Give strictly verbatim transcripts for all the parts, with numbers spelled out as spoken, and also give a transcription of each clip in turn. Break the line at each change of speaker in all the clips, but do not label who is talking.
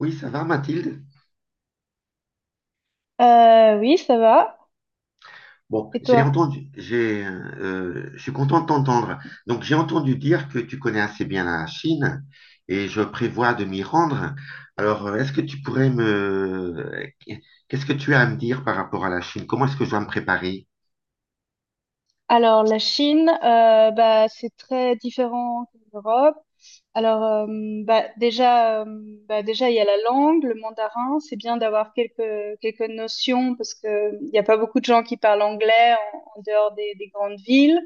Oui, ça va, Mathilde?
Euh, oui, ça va.
Bon,
Et
j'ai
toi?
entendu, j'ai, euh, je suis content de t'entendre. Donc, j'ai entendu dire que tu connais assez bien la Chine et je prévois de m'y rendre. Alors, euh, est-ce que tu pourrais me... Qu'est-ce que tu as à me dire par rapport à la Chine? Comment est-ce que je dois me préparer?
Alors, la Chine, euh, bah, c'est très différent que l'Europe. Alors, euh, bah, déjà, euh, bah, déjà, il y a la langue, le mandarin. C'est bien d'avoir quelques, quelques notions parce que euh, il n'y a pas beaucoup de gens qui parlent anglais en, en dehors des, des grandes villes.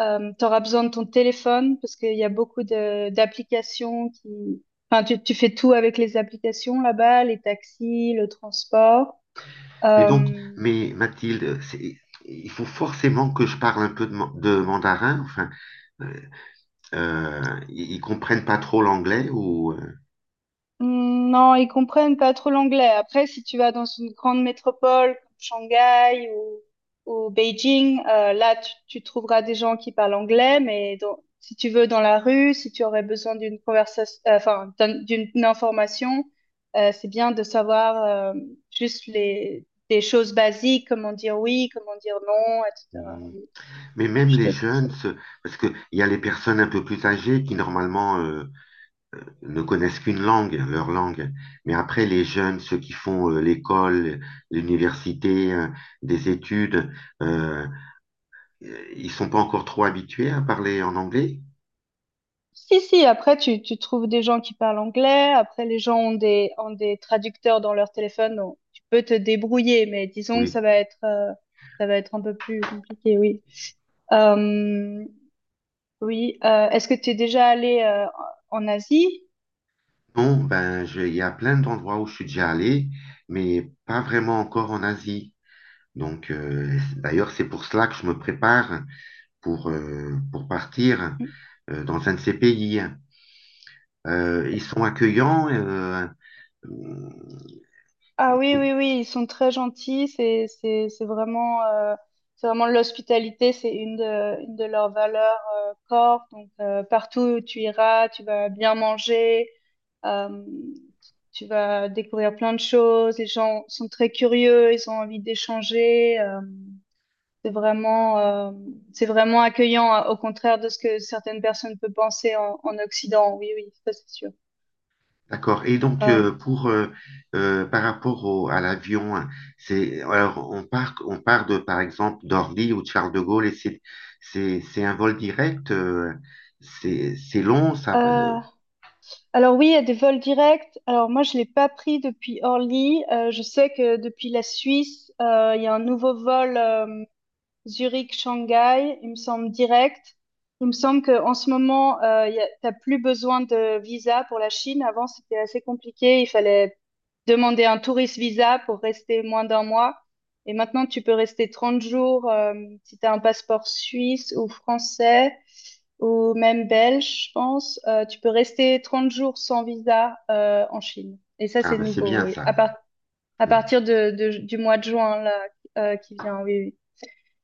Euh, tu auras besoin de ton téléphone parce qu'il y a beaucoup de, d'applications qui... Enfin, tu, tu fais tout avec les applications là-bas, les taxis, le transport.
Mais donc,
Euh,
mais Mathilde, c'est- il faut forcément que je parle un peu de, man- de mandarin. Enfin, euh, ils ils comprennent pas trop l'anglais ou...
Hmm, non, ils comprennent pas trop l'anglais. Après, si tu vas dans une grande métropole comme Shanghai ou, ou Beijing, euh, là, tu, tu trouveras des gens qui parlent anglais, mais dans- si tu veux dans la rue, si tu aurais besoin d'une conversation, euh, enfin, d'un- d'une d'une information, euh, c'est bien de savoir euh, juste les, des choses basiques, comment dire oui, comment dire non, et cetera.
euh,
Oui,
Mais même
je
les
te
jeunes,
conseille.
se- parce qu'il y a les personnes un peu plus âgées qui normalement euh, ne connaissent qu'une langue, leur langue. Mais après, les jeunes, ceux qui font euh, l'école, l'université, euh, des études, euh, ils sont pas encore trop habitués à parler en anglais?
Si, si, après, tu, tu trouves des gens qui parlent anglais, après, les gens ont des, ont des traducteurs dans leur téléphone, donc tu peux te débrouiller, mais disons que
Oui.
ça va être, euh, ça va être un peu plus compliqué, oui. Euh, oui, euh, est-ce que tu es déjà allé, euh, en Asie?
Bon, ben, je- il y a plein d'endroits où je suis déjà allé, mais pas vraiment encore en Asie. Donc, euh, d'ailleurs, c'est pour cela que je me prépare pour, euh, pour partir euh, dans un de ces pays. Euh, ils sont accueillants. euh, euh,
Ah oui, oui, oui, ils sont très gentils, c'est, c'est, c'est vraiment, euh, c'est vraiment l'hospitalité, c'est une de, une de leurs valeurs, euh, corps, donc, euh, partout où tu iras, tu vas bien manger. Euh, Tu vas découvrir plein de choses. Les gens sont très curieux, ils ont envie d'échanger. euh, c'est vraiment, euh, c'est vraiment accueillant, hein, au contraire de ce que certaines personnes peuvent penser en, en Occident. Oui, oui, ça c'est sûr.
d'accord. Et donc,
Euh,
euh, pour, euh, euh, par rapport au- à l'avion, hein, c'est, alors, on part, on part de, par exemple, d'Orly ou de Charles de Gaulle et c'est, c'est, c'est un vol direct. euh, c'est, c'est long, ça. Euh,
euh, alors oui, il y a des vols directs. Alors moi, je l'ai pas pris depuis Orly. Euh, je sais que depuis la Suisse, euh, il y a un nouveau vol. euh, Zurich, Shanghai, il me semble direct. Il me semble qu'en ce moment, euh, y a- t'as plus besoin de visa pour la Chine. Avant, c'était assez compliqué. Il fallait demander un tourist visa pour rester moins d'un mois. Et maintenant, tu peux rester trente jours euh, si tu as un passeport suisse ou français ou même belge, je pense. Euh, tu peux rester trente jours sans visa euh, en Chine. Et ça,
ah,
c'est
ben, c'est
nouveau,
bien
oui.
ça.
À par- à partir de, de- du mois de juin là, euh, qui vient, oui. Oui.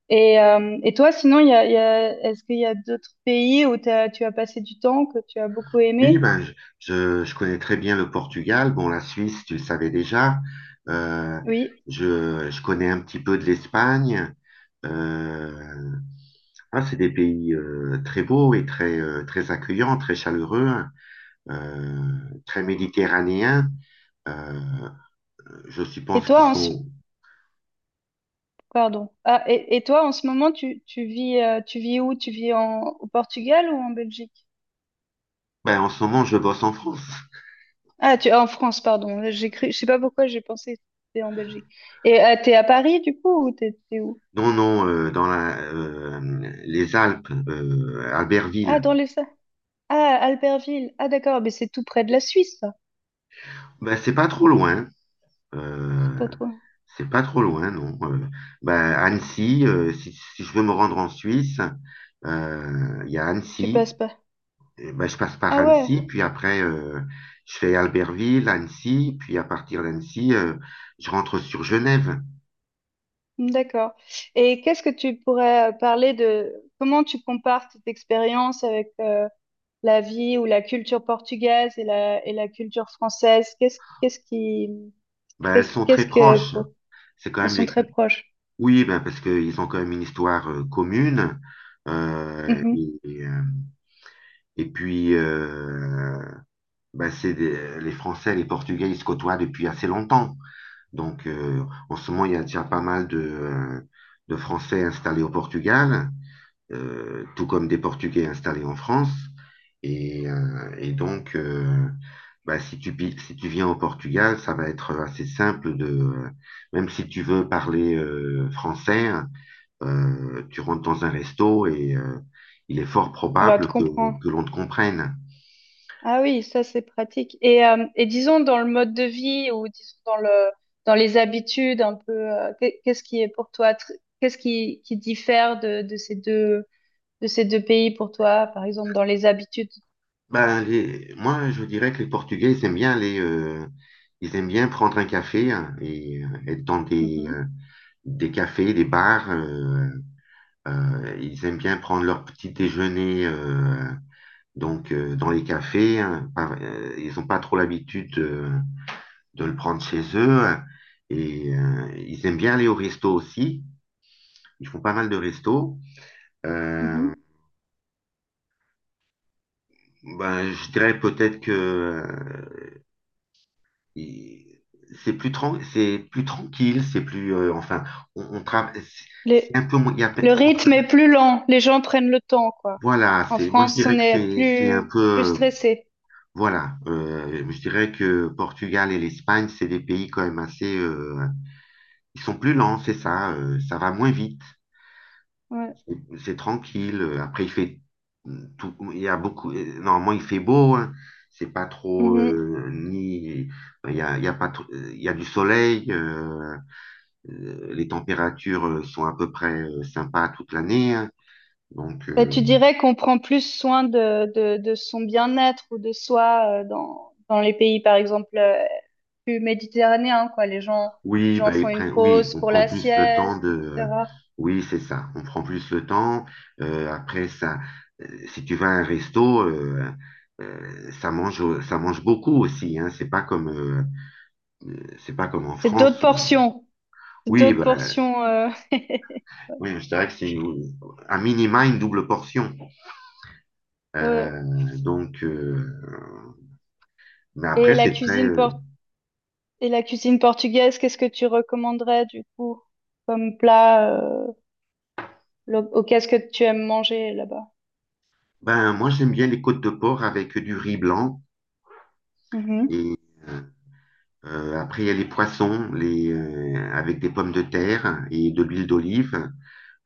Et, euh, et toi, sinon, il y a, il y a- est-ce qu'il y a d'autres pays où t'as- tu as passé du temps, que tu as beaucoup
Oui,
aimé?
ben, je, je- je connais très bien le Portugal. Bon, la Suisse, tu le savais déjà. Euh,
Oui.
je, je connais un petit peu de l'Espagne. Euh, Ah, c'est des pays euh, très beaux et très, euh, très accueillants, très chaleureux, hein, euh, très méditerranéens. Euh, je
Et
suppose qu'ils
toi, en ce...
sont...
Pardon. Ah, et, et toi, en ce moment, tu, tu vis, euh, tu vis où? Tu vis en, au Portugal ou en Belgique?
Ben, en ce moment, je bosse en France.
Ah, tu, en France, pardon. J'ai cru, je sais pas pourquoi j'ai pensé que c'était en Belgique. Et euh, t'es à Paris, du coup, ou t'es t'es où?
Non, non, euh, dans la, euh, les Alpes, euh, Albertville.
Ah, dans les... Sa- Ah, Albertville. Ah, d'accord, mais c'est tout près de la Suisse, ça.
Ben, c'est pas trop loin, hein.
C'est
Euh,
pas toi.
c'est pas trop loin, non. Euh, ben, Annecy, euh, si, si je veux me rendre en Suisse, euh, il y a
Tu
Annecy.
passes pas.
Eh ben, je passe par
Ah ouais.
Annecy, puis après, euh, je fais Albertville, Annecy, puis à partir d'Annecy, euh, je rentre sur Genève.
D'accord. Et qu'est-ce que tu pourrais euh, parler de comment tu compares cette expérience avec euh, la vie ou la culture portugaise et la, et la culture française? Qu'est-ce, qu'est-ce qui,
Ben, elles
qu'est-ce,
sont
qu'est-ce
très
que
proches.
pour-
C'est quand
Elles
même
sont
les...
très proches.
Oui, ben, parce qu'ils ont quand même une histoire euh, commune. Euh,
Mhm.
et, et, euh, et puis, euh, ben, c'est des- les Français les Portugais, ils se côtoient depuis assez longtemps. Donc, euh, en ce moment, il y a déjà pas mal de, euh, de Français installés au Portugal, euh, tout comme des Portugais installés en France. Et, euh, et donc, euh, Bah, si tu, si tu viens au Portugal, ça va être assez simple de, même si tu veux parler euh, français, euh, tu rentres dans un resto et euh, il est fort
On va te
probable que,
comprendre.
que l'on te comprenne.
Ah oui, ça c'est pratique. Et, euh, et disons dans le mode de vie ou disons dans le, dans les habitudes un peu, euh, qu'est- qu'est-ce qui est pour toi, tr- qu'est-ce qui, qui diffère de, de ces deux, de ces deux pays pour toi, par exemple dans les habitudes?
Ben, les- moi, je dirais que les Portugais, ils aiment bien aller, euh, ils aiment bien prendre un café, hein, et euh, être dans des, euh,
Mhm.
des cafés, des bars. Euh, Euh, ils aiment bien prendre leur petit déjeuner, euh, donc euh, dans les cafés, hein. Par- euh, ils n'ont pas trop l'habitude de, de le prendre chez eux, hein. Et euh, ils aiment bien aller au resto aussi. Ils font pas mal de restos. Euh,
Mhm.
ben, je dirais peut-être que euh, il- c'est plus, tran- c'est plus tranquille, c'est plus euh, enfin on, on tra- c'est
Le,
c'est un peu moins- il y a pe-
le
on
rythme
tra-
est plus lent, les gens prennent le temps, quoi.
voilà,
En
c'est moi je
France,
dirais
on
que
est
c'est c'est un
plus, plus
peu...
stressé.
Voilà, euh, je dirais que Portugal et l'Espagne, c'est des pays quand même assez... euh, ils sont plus lents, c'est ça, euh, ça va moins vite,
Ouais.
c'est c'est tranquille. euh, Après, il fait tout, il y a beaucoup... euh, Normalement, il fait beau, hein, c'est pas trop...
Mhm.
euh, ni, il y a, il y a pas trop- il y a du soleil, euh, euh, les températures euh, sont à peu près euh, sympas toute l'année, hein. donc...
Bah,
euh,
tu dirais qu'on prend plus soin de, de, de son bien-être ou de soi euh, dans, dans les pays, par exemple, euh, plus méditerranéens, quoi. Les gens, les
Oui,
gens
bah,
font
ils
une
prennent. Oui,
pause
on
pour
prend
la
plus le temps
sieste,
de... euh,
et cetera.
Oui, c'est ça. On prend plus le temps. Euh, après, ça, euh, si tu vas à un resto, euh, euh, ça mange, ça mange beaucoup aussi, hein. C'est pas comme, euh, euh, c'est pas comme en
C'est d'autres
France où...
portions, c'est
Oui,
d'autres
bah,
portions. Euh,
oui, je dirais que c'est un minima une double portion.
ouais.
Euh, donc, euh, mais
Et
après,
la
c'est très...
cuisine
euh,
por- et la cuisine portugaise, qu'est-ce que tu recommanderais du coup comme plat? Euh, Le- oh, qu'est-ce que tu aimes manger là-bas?
Ben, moi, j'aime bien les côtes de porc avec du riz blanc
Mhm.
et, euh, Euh, après, il y a les poissons, les, euh, avec des pommes de terre et de l'huile d'olive,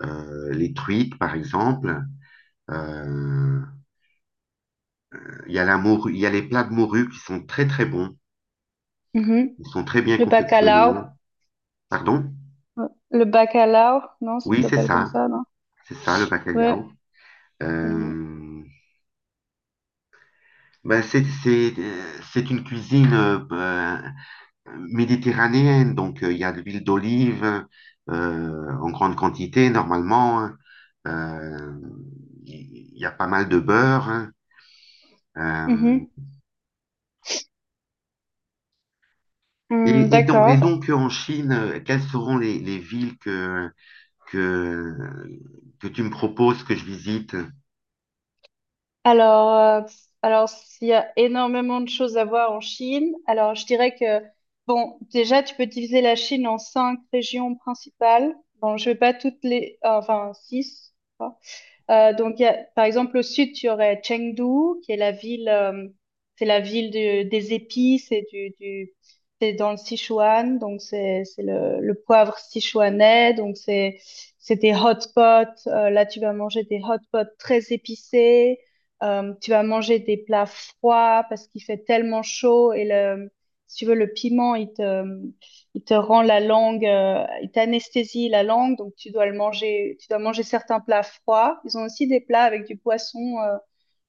euh, les truites par exemple. Euh, il y a la morue, il y a les plats de morue qui sont très très bons,
Mhm.
ils sont très bien
Le
confectionnés.
bacalao.
Pardon?
Ouais. Le bacalao, non, ça
Oui, c'est
s'appelle comme
ça,
ça, non?
c'est ça le
Ouais.
bacalhau.
Mhm.
Euh, ben, c'est c'est euh, c'est une cuisine euh, méditerranéenne, donc euh, il y a de l'huile d'olive euh, en grande quantité normalement, hein. Euh, il il y a pas mal de beurre, hein. Euh,
Mhm. Hum,
et, et donc, et
d'accord.
donc en Chine, euh, quelles seront les, les villes que, que, que tu me proposes que je visite?
Alors, euh, alors s'il y a énormément de choses à voir en Chine, alors je dirais que, bon, déjà, tu peux diviser la Chine en cinq régions principales. Bon, je vais pas toutes les, enfin, six. Euh, donc, il y a- par exemple, au sud, tu aurais Chengdu, qui est la ville, euh, c'est la ville du- des épices et du, du, c'est dans le Sichuan, donc c'est, c'est le, le poivre sichuanais, donc c'est, c'est des hot pots. Euh, là, tu vas manger des hot pots très épicés. Euh, tu vas manger des plats froids parce qu'il fait tellement chaud et le, si tu veux, le piment, il te, il te rend la langue, euh, il t'anesthésie la langue, donc tu dois le manger, tu dois manger certains plats froids. Ils ont aussi des plats avec du poisson, euh,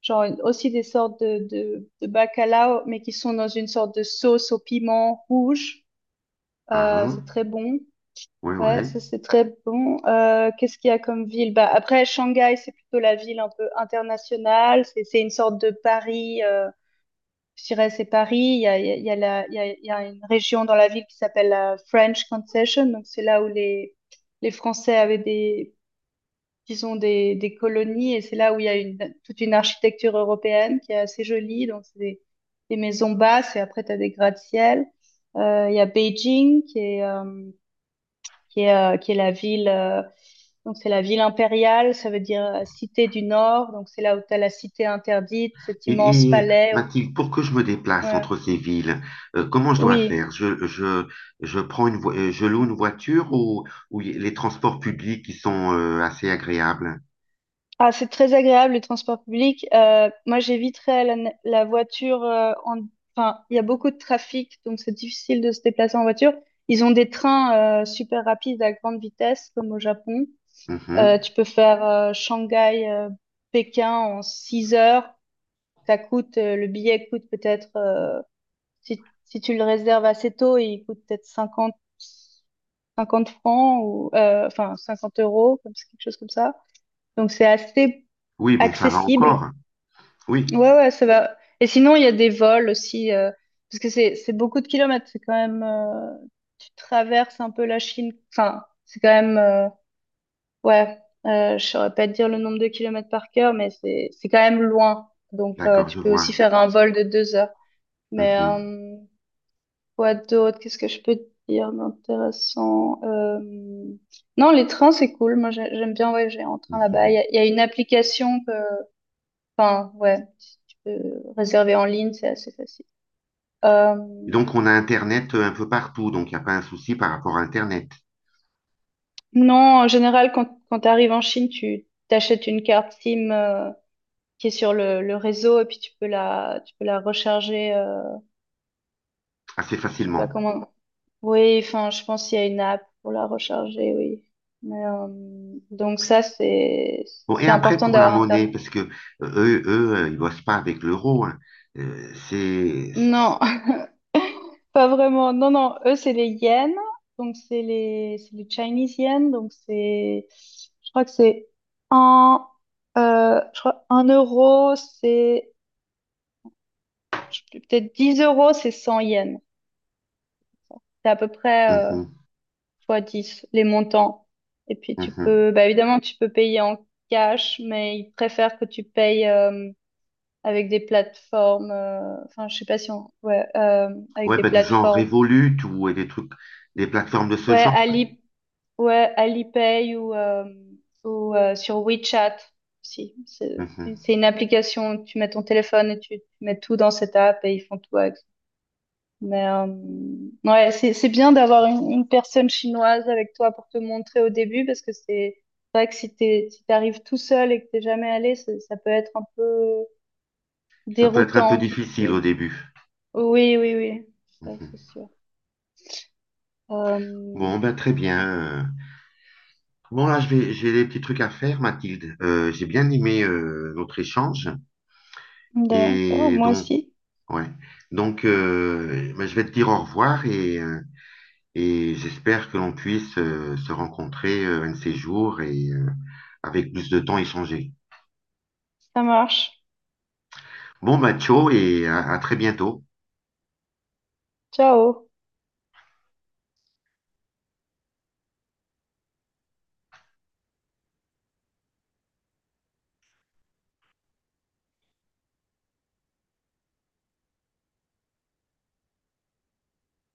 genre une- aussi des sortes de, de, de bacalao, mais qui sont dans une sorte de sauce au piment rouge. Euh,
Ah,
c'est très bon.
oui,
Ouais,
oui.
ça c'est très bon. Euh, qu'est-ce qu'il y a comme ville? Bah, après, Shanghai, c'est plutôt la ville un peu internationale. C'est c'est une sorte de Paris. euh, Shiraz et Paris, il y a, il y a- il y a la- il y a- il y a une région dans la ville qui s'appelle la French Concession. Donc, c'est là où les, les Français avaient des, disons, des, des colonies. Et c'est là où il y a une, toute une architecture européenne qui est assez jolie. Donc, c'est des, des maisons basses et après, tu as des gratte-ciel. Euh, il y a Beijing qui est, euh, qui est, euh, qui est la ville. Euh, donc, c'est la ville impériale, ça veut dire euh, cité du Nord. Donc, c'est là où tu as la cité interdite, cet immense
Et, et, euh,
palais.
Mathilde, pour que je me déplace
Ouais.
entre ces villes, euh, comment je dois
Oui.
faire? Je, je, je prends une vo- euh, je loue une voiture ou, ou y- les transports publics qui sont euh, assez agréables?
Ah, c'est très agréable les transports publics. Euh, moi, j'éviterais la, na- la voiture. euh, en... Enfin, il y a beaucoup de trafic, donc c'est difficile de se déplacer en voiture. Ils ont des trains euh, super rapides à grande vitesse, comme au Japon. Euh,
Mhm.
tu peux faire euh, Shanghai, euh, Pékin en six heures. Ça coûte, euh, le billet coûte peut-être, euh, si, si tu le réserves assez tôt, il coûte peut-être cinquante cinquante francs ou euh, enfin cinquante euros, comme, quelque chose comme ça. Donc c'est assez
Oui, bon, ça va
accessible.
encore. Oui,
Ouais, ouais, ça va. Et sinon, il y a des vols aussi, euh, parce que c'est c'est beaucoup de kilomètres. C'est quand même, euh, tu traverses un peu la Chine. Enfin, c'est quand même, euh, ouais, euh, je saurais pas te dire le nombre de kilomètres par cœur, mais c'est c'est quand même loin. Donc, euh,
d'accord,
tu
je
peux aussi
vois.
faire un vol de deux heures. Mais
Mhm,
euh, quoi d'autre? Qu'est-ce que je peux te dire d'intéressant? Euh, Non, les trains, c'est cool. Moi, j'ai- j'aime bien voyager en train là-bas. Il
mhm.
y a, il y a une application que... Enfin, ouais, si tu peux réserver en ligne, c'est assez facile.
Et
Euh,
donc, on a Internet euh, un peu partout, donc il n'y a pas un souci par rapport à Internet,
non, en général, quand, quand tu arrives en Chine, tu t'achètes une carte SIM euh, qui est sur le, le réseau et puis tu peux la, tu peux la recharger. Euh,
assez
je sais pas
facilement.
comment. Oui, enfin, je pense qu'il y a une app pour la recharger, oui. Mais, euh, donc ça, c'est c'est
Bon, et
c'est
après,
important
pour la
d'avoir
monnaie,
Internet.
parce que euh, eux, eux, euh, ils bossent pas avec l'euro, hein. Euh, c'est... c'est-
Non, pas vraiment. Non, non, eux, c'est les yens. Donc, c'est les, c'est les Chinese yens. Donc, c'est, je crois que c'est un, euh, je crois un euro, c'est, je sais plus, peut-être dix euros, c'est cent yens. C'est à peu près, euh,
mhm,
fois dix, les montants. Et puis, tu
mhm.
peux, bah, évidemment, tu peux payer en cash, mais ils préfèrent que tu payes, euh, avec des plateformes, euh, enfin, je sais pas si on, ouais, euh, avec
Ouais,
des
bah, du genre
plateformes.
Revolut ou et des trucs, des plateformes de ce
Ouais,
genre.
Ali Ouais, Alipay ou, euh, ou euh, sur WeChat aussi. C'est
Mhm.
c'est une application où tu mets ton téléphone et tu, tu mets tout dans cette app et ils font tout avec. Mais euh, ouais, c'est c'est bien d'avoir une, une personne chinoise avec toi pour te montrer au début parce que c'est c'est vrai que si t'es, si t'arrives tout seul et que t'es jamais allé, ça, ça peut être un peu
Ça peut être un peu
déroutant toutes
difficile au
ces...
début.
Oui, oui, oui, ça c'est
Mhm.
sûr. Euh,
Bon, ben très bien. euh. Bon, là, je vais, j'ai des petits trucs à faire, Mathilde. Euh, j'ai bien aimé euh, notre échange.
d'accord,
Et
moi
donc,
aussi.
ouais. Donc, euh, bah, je vais te dire au revoir et, euh, et j'espère que l'on puisse euh, se rencontrer euh, un de ces jours et euh, avec plus de temps échanger.
Ça marche.
Bon, bah, ciao et à à très bientôt.
Ciao.